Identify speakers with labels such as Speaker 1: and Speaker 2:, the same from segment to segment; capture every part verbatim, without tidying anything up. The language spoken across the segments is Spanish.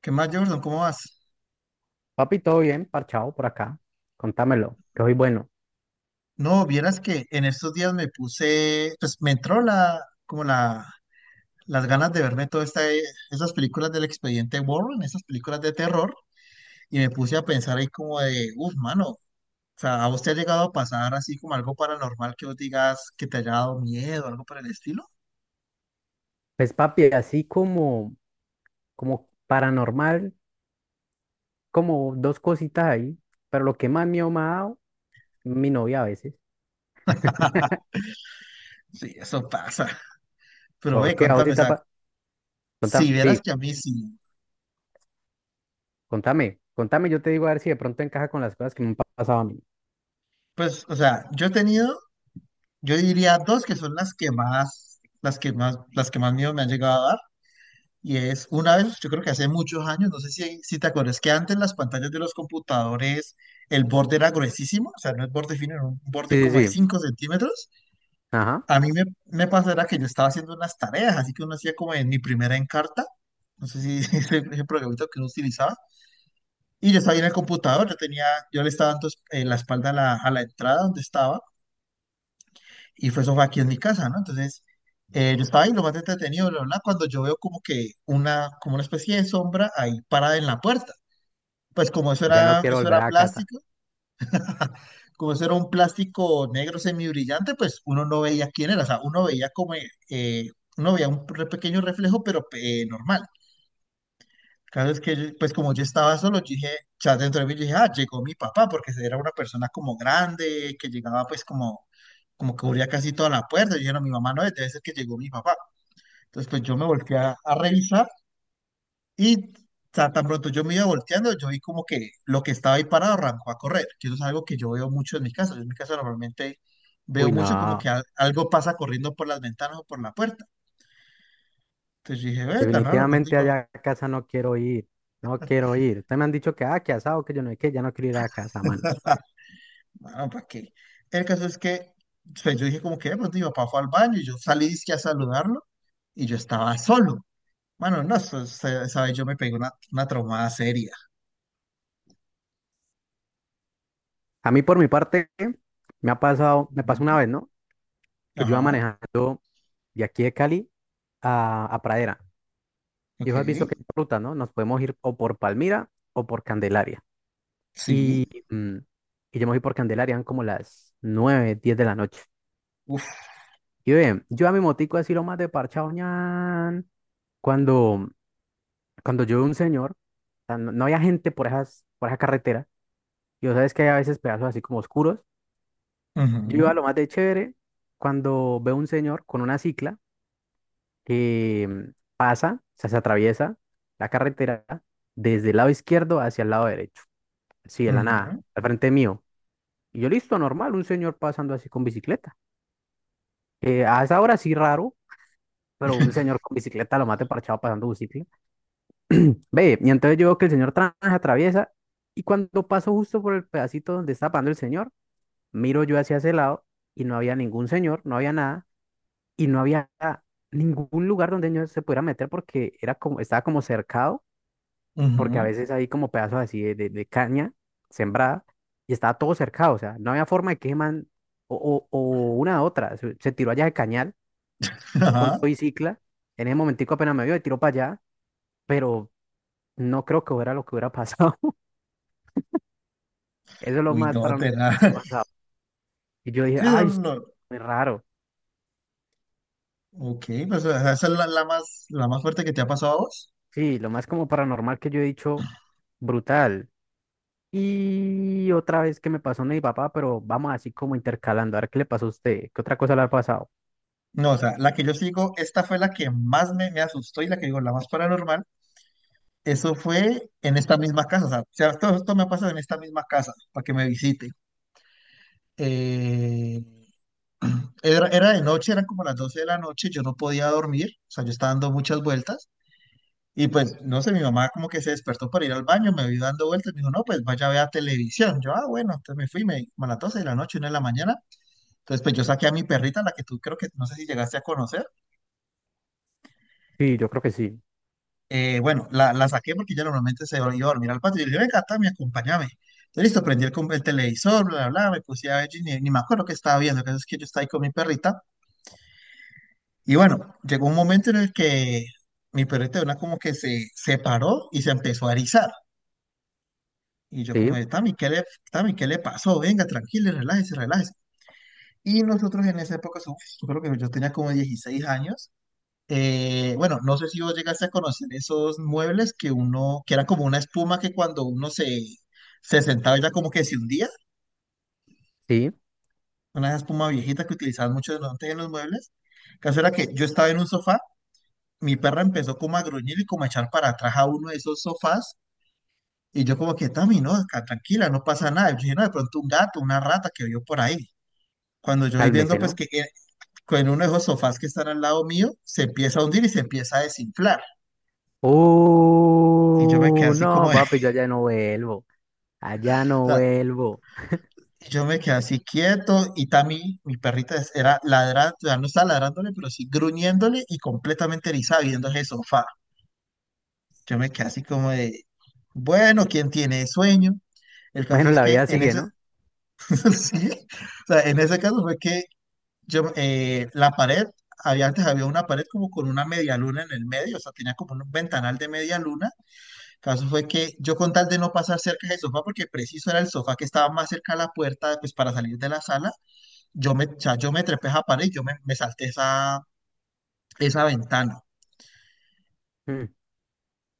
Speaker 1: ¿Qué más, Jordan? ¿Cómo vas?
Speaker 2: Papi, todo bien, parchado por acá. Contámelo, que hoy bueno.
Speaker 1: No, vieras que en estos días me puse, pues me entró la, como la, las ganas de verme todas esas películas del Expediente Warren, esas películas de terror, y me puse a pensar ahí como de, uff, mano, o sea, ¿a vos te ha llegado a pasar así como algo paranormal que vos digas que te haya dado miedo, algo por el estilo?
Speaker 2: Pues papi, así como, como paranormal, como dos cositas ahí, pero lo que más miedo me ha dado, mi novia a veces.
Speaker 1: Sí, eso pasa. Pero
Speaker 2: ¿Por
Speaker 1: ve,
Speaker 2: qué? ¿A vos sí
Speaker 1: contame, o
Speaker 2: te ha
Speaker 1: sea,
Speaker 2: pa-
Speaker 1: si
Speaker 2: contá-
Speaker 1: vieras
Speaker 2: sí,
Speaker 1: que a mí sí,
Speaker 2: contame, contame, yo te digo a ver si de pronto encaja con las cosas que me han pa- pasado a mí.
Speaker 1: pues, o sea, yo he tenido, yo diría dos que son las que más, las que más, las que más miedo me han llegado a dar. Y es una vez, yo creo que hace muchos años, no sé si, si te acuerdas que antes las pantallas de los computadores, el borde era gruesísimo, o sea, no es borde fino, era un
Speaker 2: Sí,
Speaker 1: borde
Speaker 2: sí,
Speaker 1: como de
Speaker 2: sí,
Speaker 1: cinco centímetros.
Speaker 2: ajá,
Speaker 1: A mí me, me pasó era que yo estaba haciendo unas tareas, así que uno hacía como en mi primera encarta, no sé si ese el, programita que uno utilizaba, y yo estaba ahí en el computador, yo tenía, yo le estaba dando eh, la espalda a la, a la entrada donde estaba, y fue eso fue aquí en mi casa, ¿no? Entonces, eh, yo estaba ahí lo más entretenido, bla, bla, bla, cuando yo veo como que una, como una especie de sombra ahí parada en la puerta. Pues como eso
Speaker 2: ya no
Speaker 1: era,
Speaker 2: quiero
Speaker 1: eso
Speaker 2: volver
Speaker 1: era
Speaker 2: a casa.
Speaker 1: plástico, como eso era un plástico negro semibrillante, pues uno no veía quién era, o sea, uno veía como, eh, eh, uno veía un re- pequeño reflejo, pero eh, normal. Cada vez que, yo- Pues como yo estaba solo, yo dije, o sea, dentro de mí yo dije, ah, llegó mi papá, porque era una persona como grande, que llegaba pues como, como que cubría casi toda la puerta. Yo dije, no, mi mamá no es, debe ser que llegó mi papá. Entonces, pues yo me volteé a, a revisar y o tan pronto yo me iba volteando, yo vi como que lo que estaba ahí parado arrancó a correr, que eso es algo que yo veo mucho en mi casa. Yo en mi casa normalmente veo
Speaker 2: Uy,
Speaker 1: mucho como que
Speaker 2: no,
Speaker 1: al- algo pasa corriendo por las ventanas o por la puerta. Entonces yo dije, ve, tan raro, de pronto
Speaker 2: definitivamente
Speaker 1: iba,
Speaker 2: allá a casa no quiero ir, no quiero ir. Ustedes me han dicho que, ah, que asado, que yo no sé qué, ya no quiero ir a casa, mano.
Speaker 1: bueno, ¿para qué? El caso es que pues, yo dije como que de pronto mi papá fue al baño y yo salí dizque a saludarlo y yo estaba solo. Bueno, no, eso- esa esa vez yo me pegué una, una traumada seria.
Speaker 2: A mí por mi parte me ha pasado, me pasó
Speaker 1: Ujú.
Speaker 2: una vez, ¿no? Que yo iba
Speaker 1: Ajá,
Speaker 2: manejando de aquí de Cali a, a Pradera. Y
Speaker 1: ok,
Speaker 2: vos has visto que hay ruta, ¿no? Nos podemos ir o por Palmira o por Candelaria.
Speaker 1: sí.
Speaker 2: Mm. Y yo me fui por Candelaria, eran como las nueve, diez de la noche. Y bien, yo a mi motico así lo más de parchado, ñan, cuando, cuando yo veo un señor, o sea, no, no había gente por esas, por esa carretera, y vos sabes que hay a veces pedazos así como oscuros. Yo iba
Speaker 1: Ujú,
Speaker 2: lo más de chévere cuando veo un señor con una cicla que mm, pasa, o sea, se atraviesa la carretera desde el lado izquierdo hacia el lado derecho, así de la nada,
Speaker 1: ujú,
Speaker 2: al frente mío. Y yo listo, normal, un señor pasando así con bicicleta. Eh, a esa hora sí raro, pero un señor con bicicleta lo mate parchado pasando bicicleta. Ve, y entonces yo veo que el señor trans atraviesa y cuando paso justo por el pedacito donde está pasando el señor, miro yo hacia ese lado y no había ningún señor, no había nada y no había ningún lugar donde yo se pudiera meter porque era como, estaba como cercado porque a
Speaker 1: ujú,
Speaker 2: veces hay como pedazos así de, de- de caña sembrada y estaba todo cercado, o sea, no había forma de que ese man, o, o, o una a otra, se, se tiró allá de cañal con
Speaker 1: ajá.
Speaker 2: todo y cicla, en ese momentico apenas me vio y tiró para allá, pero no creo que hubiera lo que hubiera pasado, eso es lo
Speaker 1: Uy,
Speaker 2: más
Speaker 1: no,
Speaker 2: paranormal
Speaker 1: te da.
Speaker 2: que ha pasado, y yo dije,
Speaker 1: Sí, no,
Speaker 2: ay,
Speaker 1: no.
Speaker 2: es
Speaker 1: No.
Speaker 2: muy raro,
Speaker 1: Ok, pues o sea, esa es la, la más, la más fuerte que te ha pasado a vos.
Speaker 2: sí, lo más como paranormal que yo he dicho, brutal, y otra vez que me pasó no mi papá, pero vamos así como intercalando, a ver qué le pasó a usted, qué otra cosa le ha pasado,
Speaker 1: No, o sea, la que yo sigo, esta fue la que más me, me asustó y la que digo, la más paranormal. Eso fue en esta misma casa. O sea, o sea, todo esto me ha pasado en esta misma casa para que me visite. Eh, Era, era de noche, eran como las doce de la noche, yo no podía dormir, o sea, yo estaba dando muchas vueltas. Y pues, no sé, mi mamá como que se despertó para ir al baño, me vio dando vueltas, me dijo, no, pues vaya a ver televisión. Yo, ah, bueno, entonces me fui, me, como a las doce de la noche, una de la mañana. Entonces, pues yo saqué a mi perrita, la que tú creo que, no sé si llegaste a conocer.
Speaker 2: sí, yo creo que sí,
Speaker 1: Eh, bueno, la, la saqué porque ella normalmente se iba a dormir al patio. Y yo le dije, venga, Tami, acompáñame. Entonces, listo, prendí el, com- el televisor, bla, bla, bla, me puse a ver, y ni, ni me acuerdo qué estaba viendo, que es que yo estaba ahí con mi perrita. Y bueno, llegó un momento en el que mi perrita de una como que se separó y se empezó a erizar. Y yo como,
Speaker 2: sí.
Speaker 1: de, Tami, ¿qué le, Tami, ¿qué le pasó? Venga, tranquila, relájese, relájese. Y nosotros en esa época, uf, yo creo que yo tenía como dieciséis años. Eh, bueno, no sé si vos llegaste a conocer esos muebles que uno, que era como una espuma que cuando uno se, se sentaba ya como que se hundía,
Speaker 2: Sí,
Speaker 1: una espuma viejita que utilizaban mucho antes en los muebles. El caso era que yo estaba en un sofá, mi perra empezó como a gruñir y como a echar para atrás a uno de esos sofás. Y yo como que, Tami, no, acá, tranquila, no pasa nada. Yo dije, no, de pronto un gato, una rata que vio por ahí. Cuando yo voy viendo,
Speaker 2: cálmese,
Speaker 1: pues
Speaker 2: ¿no?
Speaker 1: que eh, con uno de esos sofás que están al lado mío, se empieza a hundir y se empieza a desinflar. Y yo me quedé
Speaker 2: Uh,
Speaker 1: así como,
Speaker 2: no,
Speaker 1: de-
Speaker 2: papi, yo allá no vuelvo. Allá
Speaker 1: o
Speaker 2: no
Speaker 1: sea,
Speaker 2: vuelvo.
Speaker 1: yo me quedé así quieto y Tami, mi perrita, es- era ladrando, ya no estaba ladrándole, pero sí gruñéndole y completamente erizada viendo ese sofá. Yo me quedé así como de, bueno, ¿quién tiene sueño? El caso
Speaker 2: Bueno,
Speaker 1: es
Speaker 2: la
Speaker 1: que
Speaker 2: vida
Speaker 1: en
Speaker 2: sigue,
Speaker 1: ese,
Speaker 2: ¿no?
Speaker 1: sí, o sea, en ese caso fue que yo, eh, la pared, había, antes había una pared como con una media luna en el medio, o sea, tenía como un ventanal de media luna. El caso fue que yo con tal de no pasar cerca del sofá, porque preciso era el sofá que estaba más cerca a la puerta, pues para salir de la sala, yo me, o sea, yo me trepé a esa pared, yo me, me salté esa, esa ventana.
Speaker 2: Mm.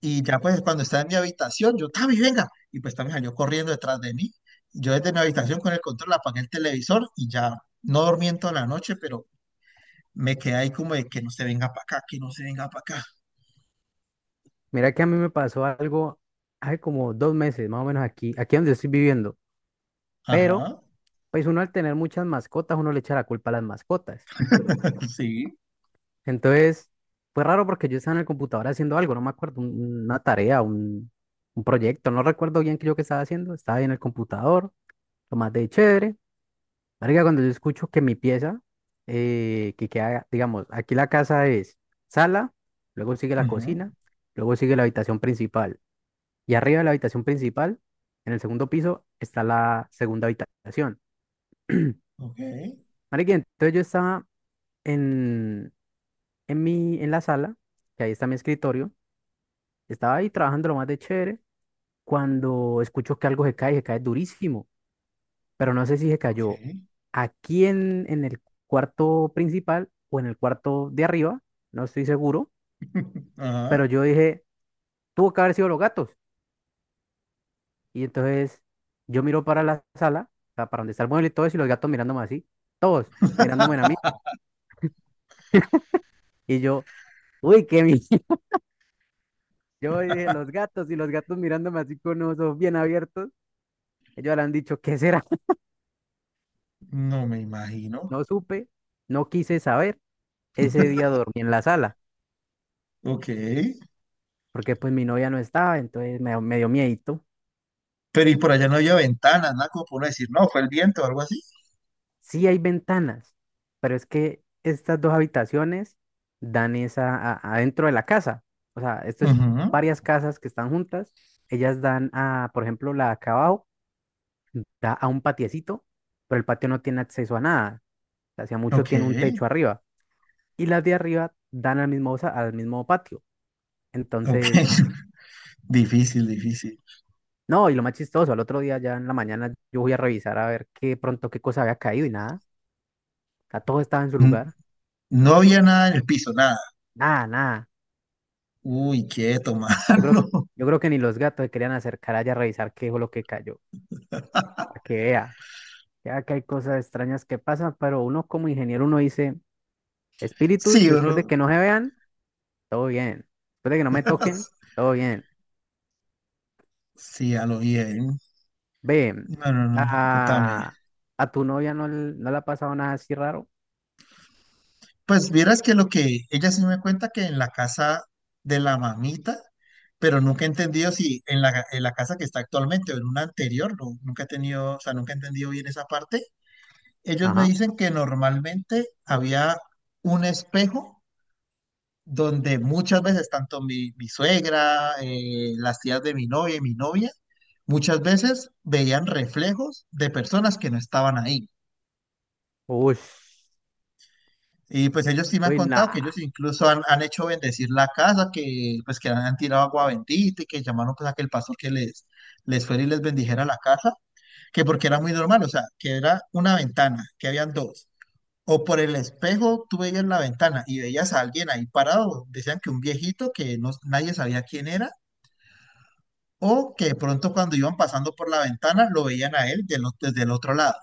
Speaker 1: Y ya pues cuando estaba en mi habitación, yo, Tavi, venga. Y pues Tavi salió corriendo detrás de mí. Yo desde mi habitación con el control apagué el televisor y ya no dormí en toda la noche, pero me quedé ahí como de que no se venga para acá, que no se venga para acá.
Speaker 2: Mira que a mí me pasó algo hace como dos meses, más o menos aquí, aquí donde estoy viviendo. Pero,
Speaker 1: Ajá,
Speaker 2: pues uno al tener muchas mascotas, uno le echa la culpa a las mascotas.
Speaker 1: sí.
Speaker 2: Entonces, fue raro porque yo estaba en el computador haciendo algo, no me acuerdo, un- una tarea, un, un proyecto, no recuerdo bien qué yo que estaba haciendo. Estaba ahí en el computador, lo más de chévere. Marica, cuando yo escucho que mi pieza, eh, que queda, digamos, aquí la casa es sala, luego sigue la
Speaker 1: Ujú,
Speaker 2: cocina, luego sigue la habitación principal. Y arriba de la habitación principal, en el segundo piso, está la segunda habitación.
Speaker 1: ok,
Speaker 2: Marica, entonces yo estaba en, en mi, en la sala, que ahí está mi escritorio, estaba ahí trabajando lo más de chévere, cuando escucho que algo se cae, se cae durísimo. Pero no sé si se
Speaker 1: ok.
Speaker 2: cayó aquí en, en el cuarto principal o en el cuarto de arriba, no estoy seguro, pero
Speaker 1: Ajá,
Speaker 2: yo dije, tuvo que haber sido los gatos. Y entonces yo miro para la sala, o sea, para donde está el mueble y todo eso, y los gatos mirándome así, todos mirándome a mí, y yo, uy, qué mi... Yo dije, los gatos y los gatos mirándome así con los ojos bien abiertos, ellos le han dicho, ¿qué será?
Speaker 1: no me imagino.
Speaker 2: No supe, no quise saber, ese día dormí en la sala,
Speaker 1: Ok.
Speaker 2: porque pues mi novia no estaba, entonces me, me dio miedito.
Speaker 1: Pero y por allá no había ventanas, nada como para uno decir, no, fue el viento o algo así.
Speaker 2: Sí hay ventanas, pero es que estas dos habitaciones dan esa a- adentro de la casa. O sea, esto es
Speaker 1: Ujú,
Speaker 2: varias casas que están juntas. Ellas dan a, por ejemplo, la de acá abajo da a un patiecito, pero el patio no tiene acceso a nada. Hacia mucho
Speaker 1: ok,
Speaker 2: tiene un techo arriba. Y las de arriba dan al mismo, sa- al mismo patio.
Speaker 1: ok.
Speaker 2: Entonces,
Speaker 1: Difícil, difícil.
Speaker 2: no, y lo más chistoso, al otro día ya en la mañana yo voy a revisar a ver qué pronto qué cosa había caído y nada. O sea, todo estaba en su
Speaker 1: N-
Speaker 2: lugar.
Speaker 1: No había nada en el piso, nada.
Speaker 2: Nada, nada.
Speaker 1: Uy, quieto,
Speaker 2: Yo
Speaker 1: mano.
Speaker 2: creo, yo creo que ni los gatos se querían acercar allá a revisar qué fue lo que cayó, para que vea. Ya que hay cosas extrañas que pasan, pero uno como ingeniero, uno dice, espíritus,
Speaker 1: Sí,
Speaker 2: después de
Speaker 1: bro.
Speaker 2: que no se vean, todo bien. Después de que no me toquen, todo bien.
Speaker 1: Sí, a lo bien.
Speaker 2: Ve,
Speaker 1: No, no, no, contame.
Speaker 2: a, a tu novia no, le- no le ha pasado nada así raro.
Speaker 1: Pues vieras que lo que ella sí me cuenta que en la casa de la mamita, pero nunca he entendido si en la, en la casa que está actualmente o en una anterior, no- nunca he tenido, o sea, nunca he entendido bien esa parte. Ellos me
Speaker 2: Ajá.
Speaker 1: dicen que normalmente había un espejo donde muchas veces tanto mi, mi suegra, eh, las tías de mi novia y mi novia, muchas veces veían reflejos de personas que no estaban ahí.
Speaker 2: Uy,
Speaker 1: Y pues ellos sí me han
Speaker 2: uy,
Speaker 1: contado que
Speaker 2: nah.
Speaker 1: ellos incluso han, han hecho bendecir la casa, que pues que han tirado agua bendita y que llamaron pues a que el pastor que les, les fuera y les bendijera la casa, que porque era muy normal, o sea, que era una ventana, que habían dos. O por el espejo tú veías la ventana y veías a alguien ahí parado, decían que un viejito que no, nadie sabía quién era, o que de pronto cuando iban pasando por la ventana lo veían a él del o- desde el otro lado.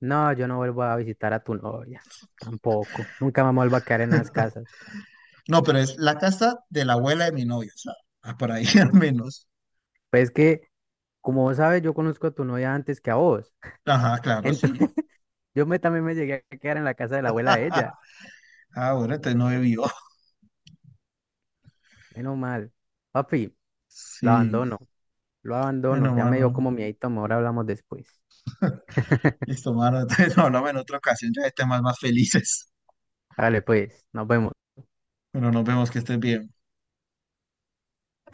Speaker 2: No, yo no vuelvo a visitar a tu novia. Tampoco. Nunca me vuelvo a quedar en las casas.
Speaker 1: No, pero es la casa de la abuela de mi novia, o sea, ah, por ahí al menos.
Speaker 2: Pues es que, como vos sabes, yo conozco a tu novia antes que a vos.
Speaker 1: Ajá, claro, sí.
Speaker 2: Yo me, también me llegué a quedar en la casa de la abuela de ella.
Speaker 1: Ah, bueno, entonces no bebió.
Speaker 2: Menos mal. Papi, lo
Speaker 1: Sí,
Speaker 2: abandono. Lo abandono.
Speaker 1: bueno,
Speaker 2: Ya me dio
Speaker 1: mano.
Speaker 2: como miedito. Ahora hablamos después.
Speaker 1: Listo, mano. Entonces hablamos en otra ocasión, ya de temas más felices.
Speaker 2: Dale, pues. Nos vemos.
Speaker 1: Bueno, nos vemos, que estés bien.